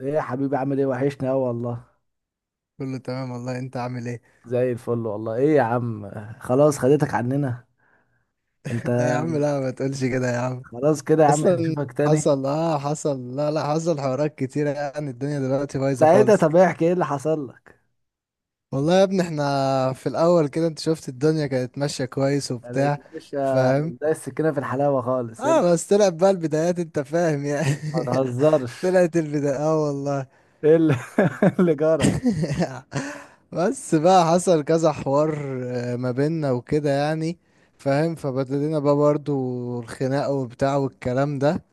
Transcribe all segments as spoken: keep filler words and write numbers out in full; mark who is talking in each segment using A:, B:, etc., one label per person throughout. A: ايه يا حبيبي، عامل ايه؟ وحشني اوي والله.
B: كله تمام والله، انت عامل ايه؟
A: زي الفل والله. ايه يا عم، خلاص خدتك عننا. انت
B: يا عم لا ما تقولش كده يا عم.
A: خلاص كده يا عم، مش
B: اصلا
A: هنشوفك تاني.
B: حصل، اه حصل، لا لا، حصل حوارات كتيرة، يعني الدنيا دلوقتي بايظة
A: ساعتها
B: خالص.
A: طب احكي ايه اللي حصل لك.
B: والله يا ابني، احنا في الاول كده انت شفت الدنيا كانت ماشية كويس
A: يعني
B: وبتاع،
A: اتمشى
B: فاهم؟
A: زي السكينة في الحلاوة خالص. ايه اللي-
B: اه بس طلعت بقى البدايات، انت فاهم يعني.
A: ما تهزرش.
B: طلعت البداية، اه والله.
A: ايه اللي, اللي جرى.
B: بس بقى حصل كذا حوار، آه، ما بيننا وكده يعني، فاهم؟ فبدلنا بقى برضو الخناقة وبتاع والكلام ده،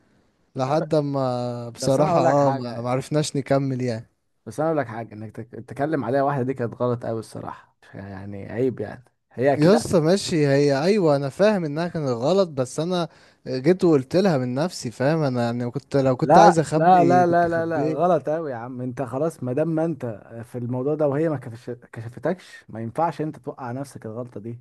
A: طب،
B: لحد ما
A: بس انا
B: بصراحة،
A: اقول لك
B: اه
A: حاجة
B: ما ما
A: يعني.
B: عرفناش نكمل يعني.
A: بس انا اقول لك حاجة، انك تك- تتكلم عليها. واحدة دي كانت غلط قوي الصراحة، يعني عيب يعني. هي اكيد
B: يا اسطى ماشي، هي ايوه، انا فاهم انها كانت غلط، بس انا جيت وقلت لها من نفسي، فاهم؟ انا يعني كنت، لو كنت
A: لا
B: عايز
A: لا لا
B: اخبي
A: لا
B: كنت
A: لا لا،
B: خبيه.
A: غلط قوي يا عم. انت خلاص، ما دام ما انت في الموضوع ده، وهي ما كفش- كشفتكش، ما ينفعش انت توقع نفسك الغلطة دي.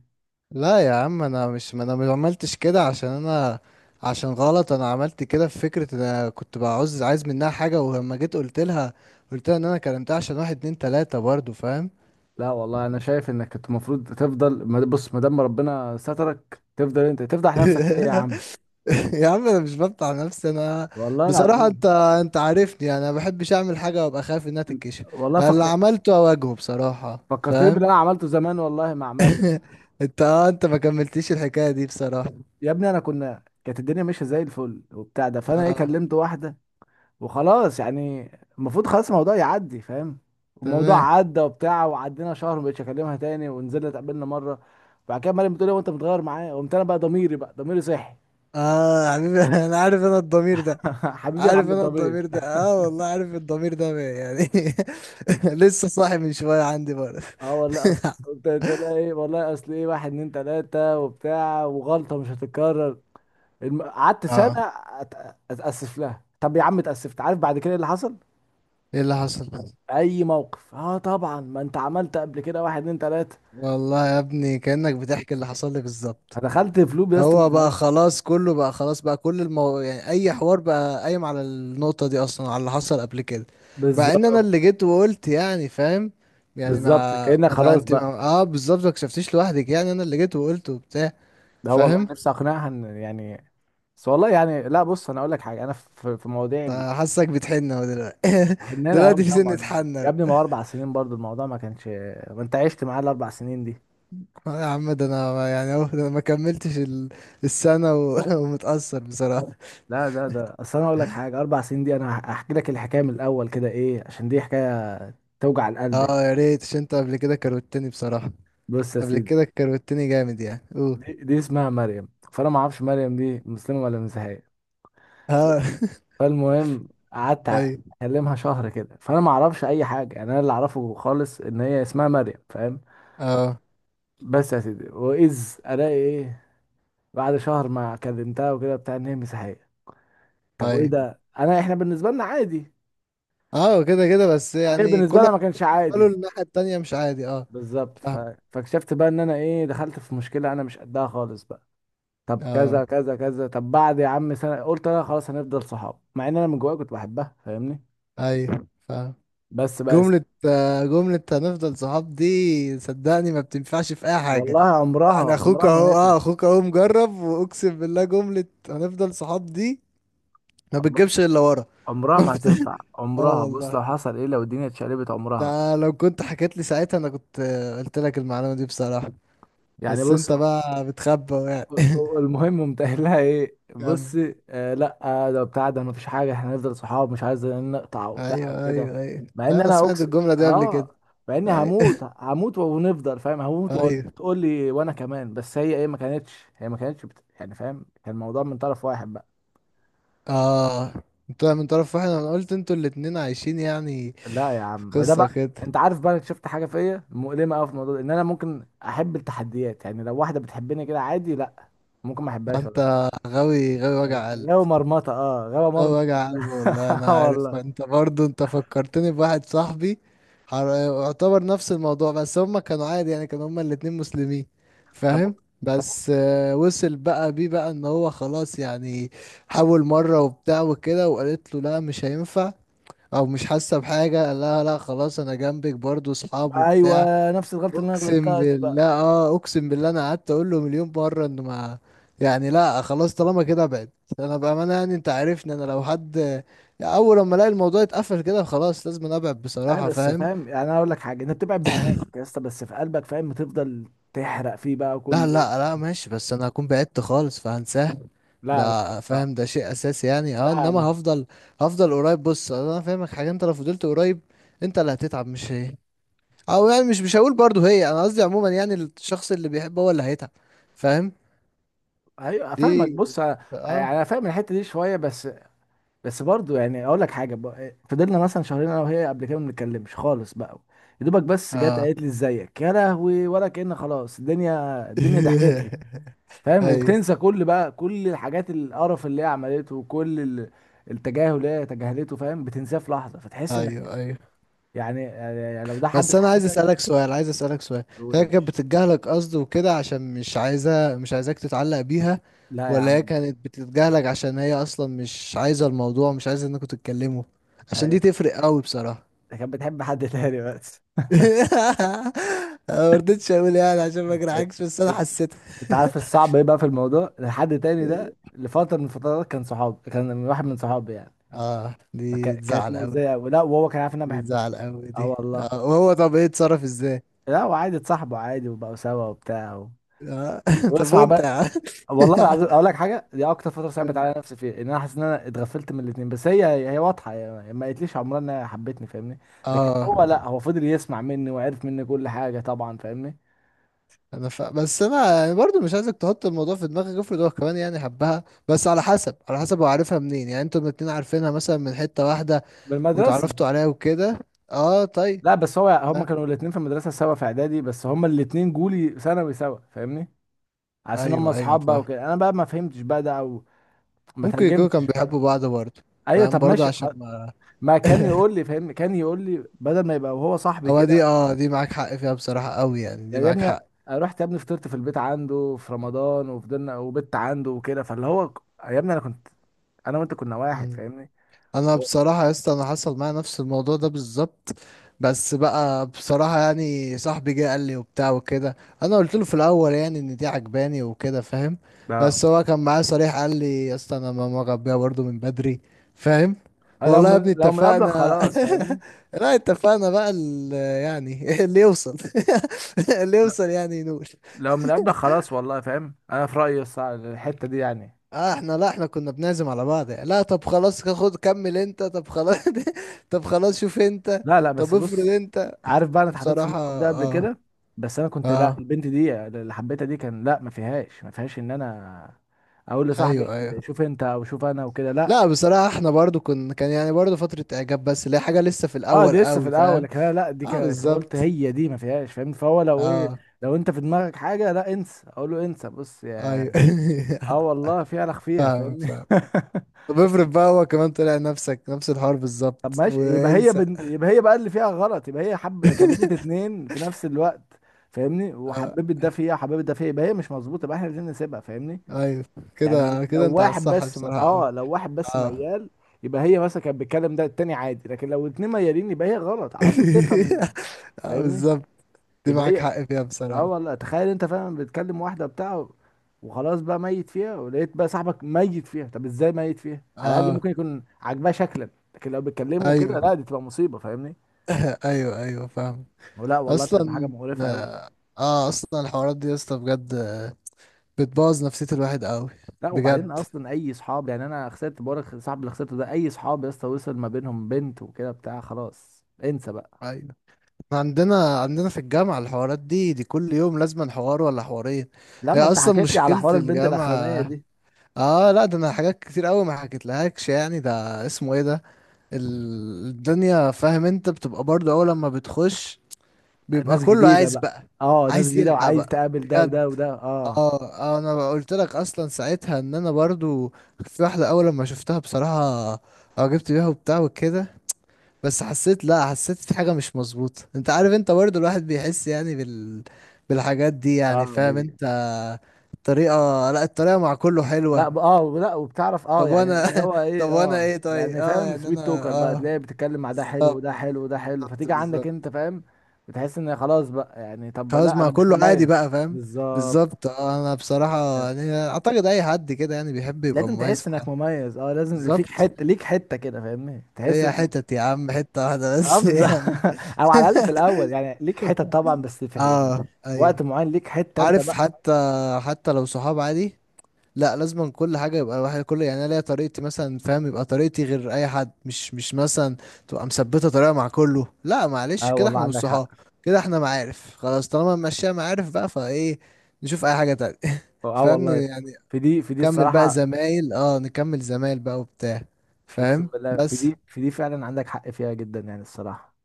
B: لا يا عم، انا مش، ما انا ما عملتش كده عشان انا، عشان غلط. انا عملت كده في فكرة ان انا كنت بعوز، عايز منها حاجة، ولما جيت قلت لها، قلت لها ان انا كلمتها عشان واحد اتنين تلاتة، برضو فاهم.
A: لا والله انا شايف انك كنت المفروض تفضل، ما- بص، ما دام ربنا سترك، تفضل انت تفضح نفسك ليه يا عم؟
B: يا عم انا مش بفتح نفسي، انا
A: والله
B: بصراحة، انت
A: العظيم.
B: انت عارفني. انا ما بحبش اعمل حاجة وابقى خايف انها
A: انت-
B: تتكشف.
A: والله
B: أنا اللي
A: فكر،
B: عملته اواجهه بصراحة،
A: فكرتني
B: فاهم؟
A: باللي انا عملته زمان والله مع مريم.
B: انت اه انت ما كملتيش الحكاية دي بصراحة.
A: يا ابني، انا كنا، كانت الدنيا ماشيه زي الفل وبتاع، ده فانا ايه،
B: اه
A: كلمت واحده وخلاص يعني. المفروض خلاص الموضوع يعدي فاهم. الموضوع
B: تمام.
A: عدى وبتاع، وعدينا شهر مبقتش اكلمها تاني، ونزلنا اتقابلنا مره. بعد كده مريم بتقول لي وانت متغير معايا، قمت انا بقى ضميري، بقى ضميري صحي.
B: اه يا حبيبي. انا عارف، انا الضمير ده
A: حبيبي يا
B: عارف،
A: عم
B: انا
A: الضمير.
B: الضمير ده، اه والله. عارف الضمير ده يعني. لسه صاحي من شوية، عندي برضه.
A: اه والله اصل قلت لها ايه، والله اصل ايه، واحد اتنين تلاته وبتاع، وغلطه مش هتتكرر. الم- قعدت سنه
B: اه،
A: أت- اتاسف لها. طب يا عم اتاسفت، عارف بعد كده إيه اللي حصل؟
B: ايه اللي حصل؟
A: اي موقف، اه طبعا ما انت عملت قبل كده واحد اتنين تلاته،
B: والله يا ابني كأنك بتحكي اللي حصل لي بالظبط.
A: فدخلت في لوب يا اسطى ما
B: هو بقى
A: فيهاش.
B: خلاص، كله بقى خلاص، بقى كل المو... يعني اي حوار بقى قايم على النقطة دي اصلا، على اللي حصل قبل كده. مع ان انا
A: بالظبط،
B: اللي جيت وقلت، يعني فاهم، يعني مع
A: بالظبط كأنك
B: ما تع-
A: خلاص
B: انت ما...
A: بقى.
B: اه بالظبط، ما كشفتيش لوحدك، يعني انا اللي جيت وقلت وبتاع،
A: ده والله
B: فاهم؟
A: نفسي اقنعها ان يعني، بس والله يعني، لا بص، انا اقول لك حاجه، انا في في مواضيع ال-
B: فحاسك بتحن اهو دلوقتي.
A: حنينها قوي
B: دلوقتي في سنة
A: طبعا.
B: حن
A: يا
B: أهو.
A: ابني، ما هو اربع سنين برضو الموضوع ما كانش، ما انت عشت معاه الاربع سنين دي.
B: آه يا عم، ده انا ما- يعني اهو ده انا ما كملتش ال... السنة و... ومتأثر بصراحة.
A: لا ده ده اصل انا اقول لك حاجه، اربع سنين دي انا هح- هحكي لك الحكايه من الاول كده ايه، عشان دي حكايه توجع القلب يعني.
B: اه يا ريت، عشان انت قبل كده كروتني بصراحة.
A: بص يا
B: قبل
A: سيدي،
B: كده كروتني جامد يعني، اوه.
A: دي, دي اسمها مريم، فانا ما اعرفش مريم دي مسلمه ولا مسيحيه.
B: اه
A: فالمهم قعدت أ-
B: اي
A: اكلمها شهر كده، فانا ما اعرفش اي حاجه، يعني انا اللي اعرفه خالص ان هي اسمها مريم فاهم.
B: اه
A: بس يا سيدي، واذ الاقي ايه؟ بعد شهر ما كلمتها وكده بتاع، ان هي مسيحيه. طب وايه
B: اي
A: ده، انا احنا بالنسبه لنا عادي،
B: اه كده كده بس،
A: هي
B: يعني
A: بالنسبه
B: كل
A: لنا ما
B: واحد
A: كانش
B: بالنسبه له
A: عادي.
B: الناحيه التانية مش عادي، اه
A: بالظبط. ف...
B: فاهم.
A: فاكتشفت بقى ان انا ايه، دخلت في مشكله انا مش قدها خالص بقى. طب
B: اه
A: كذا كذا كذا، طب بعد يا عم سنه، قلت انا خلاص هنفضل صحاب، مع ان انا من جوايا كنت بحبها فاهمني.
B: اي فاهم.
A: بس بقى يا سيدي،
B: جملة، آه، جملة هنفضل صحاب دي صدقني ما بتنفعش في اي حاجة.
A: والله عمرها
B: يعني اخوك
A: عمرها ما
B: اهو،
A: نفعت،
B: اه اخوك اهو مجرب، واقسم بالله جملة هنفضل صحاب دي ما
A: عمر-
B: بتجيبش الا ورا.
A: عمرها
B: ما
A: ما
B: بت-
A: هتنفع،
B: اه
A: عمرها بص،
B: والله.
A: لو حصل ايه، لو الدنيا اتشقلبت عمرها.
B: ده لو كنت حكيت لي ساعتها، انا كنت، آه، قلت لك المعلومة دي بصراحة.
A: يعني
B: بس
A: بص،
B: انت بقى بتخبى يعني.
A: المهم قمت قايل لها ايه:
B: كمل.
A: بصي آه لا، آه ده بتاع ده، مفيش حاجه، احنا هنفضل صحاب، مش عايز نقطع وبتاع
B: ايوه
A: وكده.
B: ايوه ايوه،
A: مع ان
B: انا
A: انا
B: سمعت
A: اقسم،
B: الجمله دي قبل كده.
A: اه، مع اني
B: ايوه.
A: هموت هموت ونفضل فاهم، هموت
B: ايوه،
A: وتقول لي وانا كمان، بس هي ايه، ما كانتش هي ما كانتش بت... يعني فاهم، كان الموضوع من طرف واحد بقى.
B: اه. انت من طرف واحد، انا قلت انتوا الاتنين عايشين يعني،
A: لا يا
B: في
A: عم ما ده
B: قصه
A: بقى،
B: كده.
A: انت عارف بقى أنا شفت حاجه فيا مؤلمه قوي في الموضوع ده، ان انا ممكن احب التحديات. يعني لو واحده بتحبني كده عادي لا، ممكن ما احبهاش.
B: انت غاوي، غاوي وجع قلب.
A: غاوي مرمطه، اه غاوي
B: غاوي
A: مرمط في
B: وجع
A: دماغي.
B: قلب والله،
A: آه
B: انا عارف.
A: والله.
B: انت برضو انت فكرتني بواحد صاحبي. حر- يعتبر نفس الموضوع، بس هما كانوا عادي يعني، كانوا هما الاتنين مسلمين،
A: طب
B: فاهم؟ بس، آه، وصل بقى بيه بقى ان هو خلاص يعني، حاول مرة وبتاع وكده، وقالت له لا مش هينفع او مش حاسه بحاجه. قال لها لا خلاص، انا جنبك برضو، اصحاب
A: ايوه،
B: وبتاع.
A: نفس الغلطه اللي انا
B: اقسم
A: غلطتها دي بقى.
B: بالله، اه اقسم بالله، انا قعدت اقول له مليون مره انه ما، يعني لا خلاص طالما كده ابعد. انا بامانه يعني، انت عارفني، انا لو حد، يعني اول لما الاقي الموضوع اتقفل كده، خلاص لازم أنا ابعد
A: انا
B: بصراحه،
A: بس
B: فاهم.
A: فاهم يعني، انا اقول لك حاجه، انت بتبعد بدماغك يا اسطى، بس في قلبك فاهم، بتفضل تحرق فيه بقى
B: لا
A: كل يوم.
B: لا لا ماشي، بس انا هكون بعدت خالص فهنساه،
A: لا لا
B: ده
A: لا
B: فاهم، ده شيء اساسي يعني،
A: لا
B: اه انما
A: لا.
B: هفضل، هفضل قريب. بص انا فاهمك حاجه، انت لو فضلت قريب انت اللي هتتعب مش هي، او يعني مش مش هقول برضو هي، انا قصدي عموما يعني الشخص اللي بيحب هو اللي هيتعب، فاهم.
A: ايوه
B: دي،
A: افهمك، بص أنا-
B: اه
A: يعني انا فاهم الحته دي شويه بس. بس برضو يعني اقول لك حاجه، ب- فضلنا مثلا شهرين انا وهي قبل كده ما بنتكلمش خالص بقى. يا دوبك بس جت
B: اه
A: قالت لي ازيك يا لهوي، ولا كأن خلاص، الدنيا الدنيا ضحكت لي فاهم،
B: ايوه
A: وبتنسى كل بقى كل الحاجات القرف اللي هي عملته، وكل ال- التجاهل اللي هي تجاهلته فاهم، بتنساه في لحظه، فتحس انك،
B: ايوه ايوه.
A: يعني يعني لو ده حد
B: بس
A: في
B: انا عايز
A: حياتك.
B: اسالك سؤال، عايز اسالك سؤال.
A: قول يا
B: هي كانت
A: باشا.
B: بتتجاهلك قصد وكده عشان مش عايزه، مش عايزاك تتعلق بيها،
A: لا يا
B: ولا هي
A: عم،
B: كانت بتتجاهلك عشان هي اصلا مش عايزه الموضوع، مش عايزه انكم تتكلموا؟ عشان
A: هي-
B: دي تفرق قوي بصراحه.
A: ده كانت بتحب حد تاني بس.
B: أنا ما رضيتش اقول يعني عشان ما
A: انت
B: اجرحكش، بس انا حسيتها.
A: انت عارف الصعب ايه بقى في الموضوع؟ الحد تاني ده لفتره من الفترات كان صحاب، كان من واحد من صحابي يعني،
B: اه دي
A: فك- كانت
B: تزعل قوي.
A: مؤذيه، ولا وهو كان عارف ان انا
B: دي
A: بحبها.
B: تزعل قوي،
A: اه
B: دي
A: والله.
B: اه وهو طب ايه اتصرف ازاي؟
A: لا وعادي، اتصاحبوا عادي وبقوا سوا وبتاع و...
B: اه. طب
A: واسمع
B: وانت يا
A: بقى.
B: عم؟
A: والله العظيم اقول لك حاجه، دي اكتر فتره
B: قول
A: صعبت على
B: لي.
A: نفسي فيها، ان انا حاسس ان انا اتغفلت من الاثنين. بس هي، هي واضحه يعني، ما قالتليش عمرها انها حبتني فاهمني. لكن
B: اه،
A: هو لا، هو فضل يسمع مني وعرف مني كل حاجه طبعا فاهمني.
B: انا ف... بس انا يعني برضو مش عايزك تحط الموضوع في دماغك. افرض هو كمان يعني حبها، بس على حسب على حسب هو عارفها منين. يعني انتوا الاتنين عارفينها مثلا من حتة واحدة
A: بالمدرسه.
B: واتعرفتوا عليها وكده. اه طيب.
A: لا بس هو، هما
B: آه.
A: كانوا الاثنين في المدرسه سوا في اعدادي، بس هما الاثنين جولي ثانوي سوا فاهمني. حاسس ان هما
B: ايوه ايوه
A: اصحاب بقى
B: فاهم.
A: وكده، انا بقى ما فهمتش بقى ده، او ما
B: ممكن يكونوا كانوا
A: ترجمتش بقى.
B: بيحبوا بعض برضه،
A: ايوه
B: فاهم،
A: طب
B: برضه
A: ماشي،
B: عشان
A: خ-
B: ما،
A: ما كان يقول لي فاهمني، كان يقول لي بدل ما يبقى وهو صاحبي
B: هو دي
A: كده
B: اه دي معاك حق فيها بصراحة قوي، يعني دي
A: يعني، يا
B: معاك
A: ابني.
B: حق.
A: رحت يا ابني، فطرت في البيت عنده في رمضان وفضلنا، وبت عنده وكده، فاللي هو ك- يا ابني انا كنت، انا وانت كنا واحد
B: مم.
A: فاهمني.
B: انا بصراحه يا اسطى، انا حصل معايا نفس الموضوع ده بالظبط. بس بقى بصراحه يعني، صاحبي جه قال لي وبتاع وكده. انا قلت له في الاول يعني ان دي عجباني وكده، فاهم؟
A: اه
B: بس هو كان معايا صريح، قال لي يا اسطى انا ماما غبيه برضو من بدري، فاهم؟
A: آه، لو
B: والله يا
A: من
B: ابني
A: لو من قبلك
B: اتفقنا.
A: خلاص فاهمني.
B: لا اتفقنا بقى ال- يعني اللي يوصل. اللي
A: لا
B: يوصل يعني ينول.
A: لو من قبلك خلاص والله فاهم، انا في رأيي الصع- الحتة دي يعني.
B: اه، احنا لا احنا كنا بنعزم على بعض يعني. لا طب خلاص، خد كمل انت، طب خلاص. طب خلاص شوف انت.
A: لا لا
B: طب
A: بس
B: افرض
A: بص،
B: انت،
A: عارف بقى انا اتحطيت في
B: بصراحة،
A: الموقف ده قبل
B: اه.
A: كده، بس انا كنت لا،
B: اه
A: البنت دي اللي حبيتها دي كان لا، ما فيهاش ما فيهاش ان انا اقول لصاحبي
B: ايوه ايوه.
A: شوف انت، او شوف انا وكده
B: لا
A: لا.
B: بصراحة احنا برضو كنا، كان يعني برضو فترة اعجاب، بس اللي هي حاجة لسه في
A: اه
B: الاول
A: دي لسه في
B: قوي،
A: الاول،
B: فاهم.
A: لكن انا لا، دي
B: اه
A: ك- قلت
B: بالظبط.
A: هي دي ما فيهاش فاهم، فهو لو ايه،
B: اه
A: لو انت في دماغك حاجه لا، انسى، اقول له انسى، بص
B: ايوه.
A: يا، اه والله في الخ فيها
B: فاهمك
A: فاهمني.
B: فاهم. طب افرض بقى هو كمان طلع نفسك، نفس الحوار
A: طب
B: بالظبط،
A: ماشي، يبقى هي
B: وانسى.
A: بن... يبقى هي بقى اللي فيها غلط، يبقى هي حب كلمت اتنين في نفس الوقت فاهمني،
B: اه
A: وحببت ده فيها وحببت ده فيها، يبقى هي مش مظبوطه، يبقى احنا عايزين نسيبها فاهمني.
B: ايوه،
A: يعني ل-
B: كده
A: لو
B: كده انت على
A: واحد
B: الصح
A: بس م...
B: بصراحة قوي.
A: اه لو واحد بس
B: اه
A: ميال، يبقى هي مثلا كانت بتتكلم ده التاني عادي، لكن لو اتنين ميالين يبقى هي غلط على طول تفهم من
B: اه
A: فاهمني،
B: بالظبط. دي
A: يبقى
B: معاك
A: هي،
B: حق فيها بصراحة.
A: اه والله. تخيل انت فعلا بتكلم واحده بتاع، وخلاص بقى ميت فيها، ولقيت بقى صاحبك ميت فيها، طب ازاي ميت فيها؟ على الاقل
B: اه
A: ممكن يكون عاجباه شكلا، لكن لو بيتكلموا كده
B: ايوه.
A: لا، دي تبقى مصيبه فاهمني.
B: ايوه ايوه فاهم.
A: ولا والله بتبقى حاجه
B: اصلا،
A: مقرفه قوي.
B: اه اصلا الحوارات دي يا اسطى بجد، آه، بتبوظ نفسية الواحد قوي.
A: لا وبعدين
B: بجد
A: اصلا، اي صحاب يعني، انا خسرت بورك صاحب اللي خسرته ده، اي صحاب يا اسطى وصل ما بينهم بنت وكده بتاع، خلاص انسى بقى.
B: ايوه. إحنا عندنا عندنا في الجامعة الحوارات دي، دي كل يوم لازم حوار ولا حوارين. هي
A: لما انت
B: اصلا
A: حكيت لي على
B: مشكلة
A: حوار البنت الاخرانيه
B: الجامعة.
A: دي.
B: اه لا، ده انا حاجات كتير قوي ما حكيتلهاكش، يعني ده اسمه ايه ده، ال- الدنيا، فاهم؟ انت بتبقى برضه اول لما بتخش بيبقى
A: ناس
B: كله
A: جديده
B: عايز
A: بقى.
B: بقى،
A: اه ناس
B: عايز
A: جديده،
B: يلحق
A: وعايز
B: بقى
A: تقابل ده
B: بجد.
A: وده وده، اه.
B: اه، آه، انا بقى قلت لك اصلا ساعتها ان انا برضو، في واحده اول لما شفتها بصراحه، اه جبت بيها وبتاع وكده. بس حسيت، لا حسيت في حاجه مش مظبوطه. انت عارف انت برضو الواحد بيحس يعني بال بالحاجات دي، يعني
A: اه
B: فاهم انت، الطريقه. لا الطريقه مع كله
A: لا
B: حلوه.
A: ب- اه لا، وبتعرف اه
B: طب
A: يعني
B: وانا،
A: اللي هو
B: طب
A: ايه،
B: وانا
A: اه
B: ايه طيب؟
A: يعني
B: اه
A: فاهم،
B: يعني
A: سويت
B: انا،
A: توكر بقى، تلاقي
B: اه،
A: بتتكلم مع ده حلو،
B: بالظبط،
A: وده حلو، وده حلو،
B: بالظبط
A: فتيجي عندك انت
B: بالظبط.
A: فاهم. بتحس ان خلاص بقى يعني، طب
B: خلاص
A: لا
B: مع
A: انا مش
B: كله عادي بقى،
A: مميز
B: فاهم.
A: بالظبط.
B: بالظبط، آه، انا بصراحة يعني اعتقد اي حد كده يعني بيحب يبقى
A: لازم
B: مميز
A: تحس
B: في
A: انك
B: حاجة.
A: مميز، اه لازم اللي فيك
B: بالظبط،
A: حته، ليك حته كده فاهمني، تحس
B: ليا
A: ان،
B: حتت يا عم، حتة واحدة
A: اه
B: بس
A: بالظبط.
B: يعني.
A: او على الاقل في الاول يعني ليك حته طبعا، بس في في
B: اه ايوه،
A: وقت معين ليك حته انت
B: عارف،
A: بقى.
B: حتى حتى لو صحاب عادي. لا لازم كل حاجة، يبقى الواحد كل، يعني انا ليا طريقتي مثلا، فاهم؟ يبقى طريقتي غير اي حد، مش مش مثلا تبقى مثبتة طريقة مع كله. لا معلش،
A: اه
B: كده
A: والله
B: احنا مش
A: عندك حق.
B: صحاب، كده احنا معارف، خلاص طالما ماشية معارف بقى فايه، نشوف اي حاجة تانية.
A: اه
B: فاهم
A: والله
B: يعني.
A: في دي في دي
B: كمل بقى
A: الصراحه.
B: زمايل، اه نكمل زمايل بقى وبتاع،
A: اقسم
B: فاهم؟
A: بالله في
B: بس
A: دي في دي فعلا عندك حق فيها جدا، يعني الصراحه.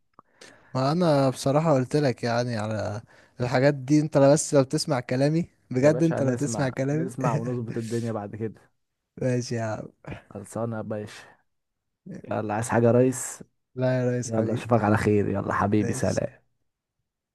B: ما انا بصراحة قلت لك يعني على الحاجات دي. انت لو بس لو بتسمع كلامي
A: يا
B: بجد،
A: باشا
B: انت لو تسمع
A: نسمع،
B: كلامي.
A: نسمع ونظبط الدنيا بعد كده.
B: ماشي يا عم.
A: خلصانه يا باشا. يلا عايز حاجه يا ريس؟
B: لا يا ريس
A: يلا
B: حبيبي.
A: اشوفك على خير، يلا حبيبي
B: ماشي.
A: سلام.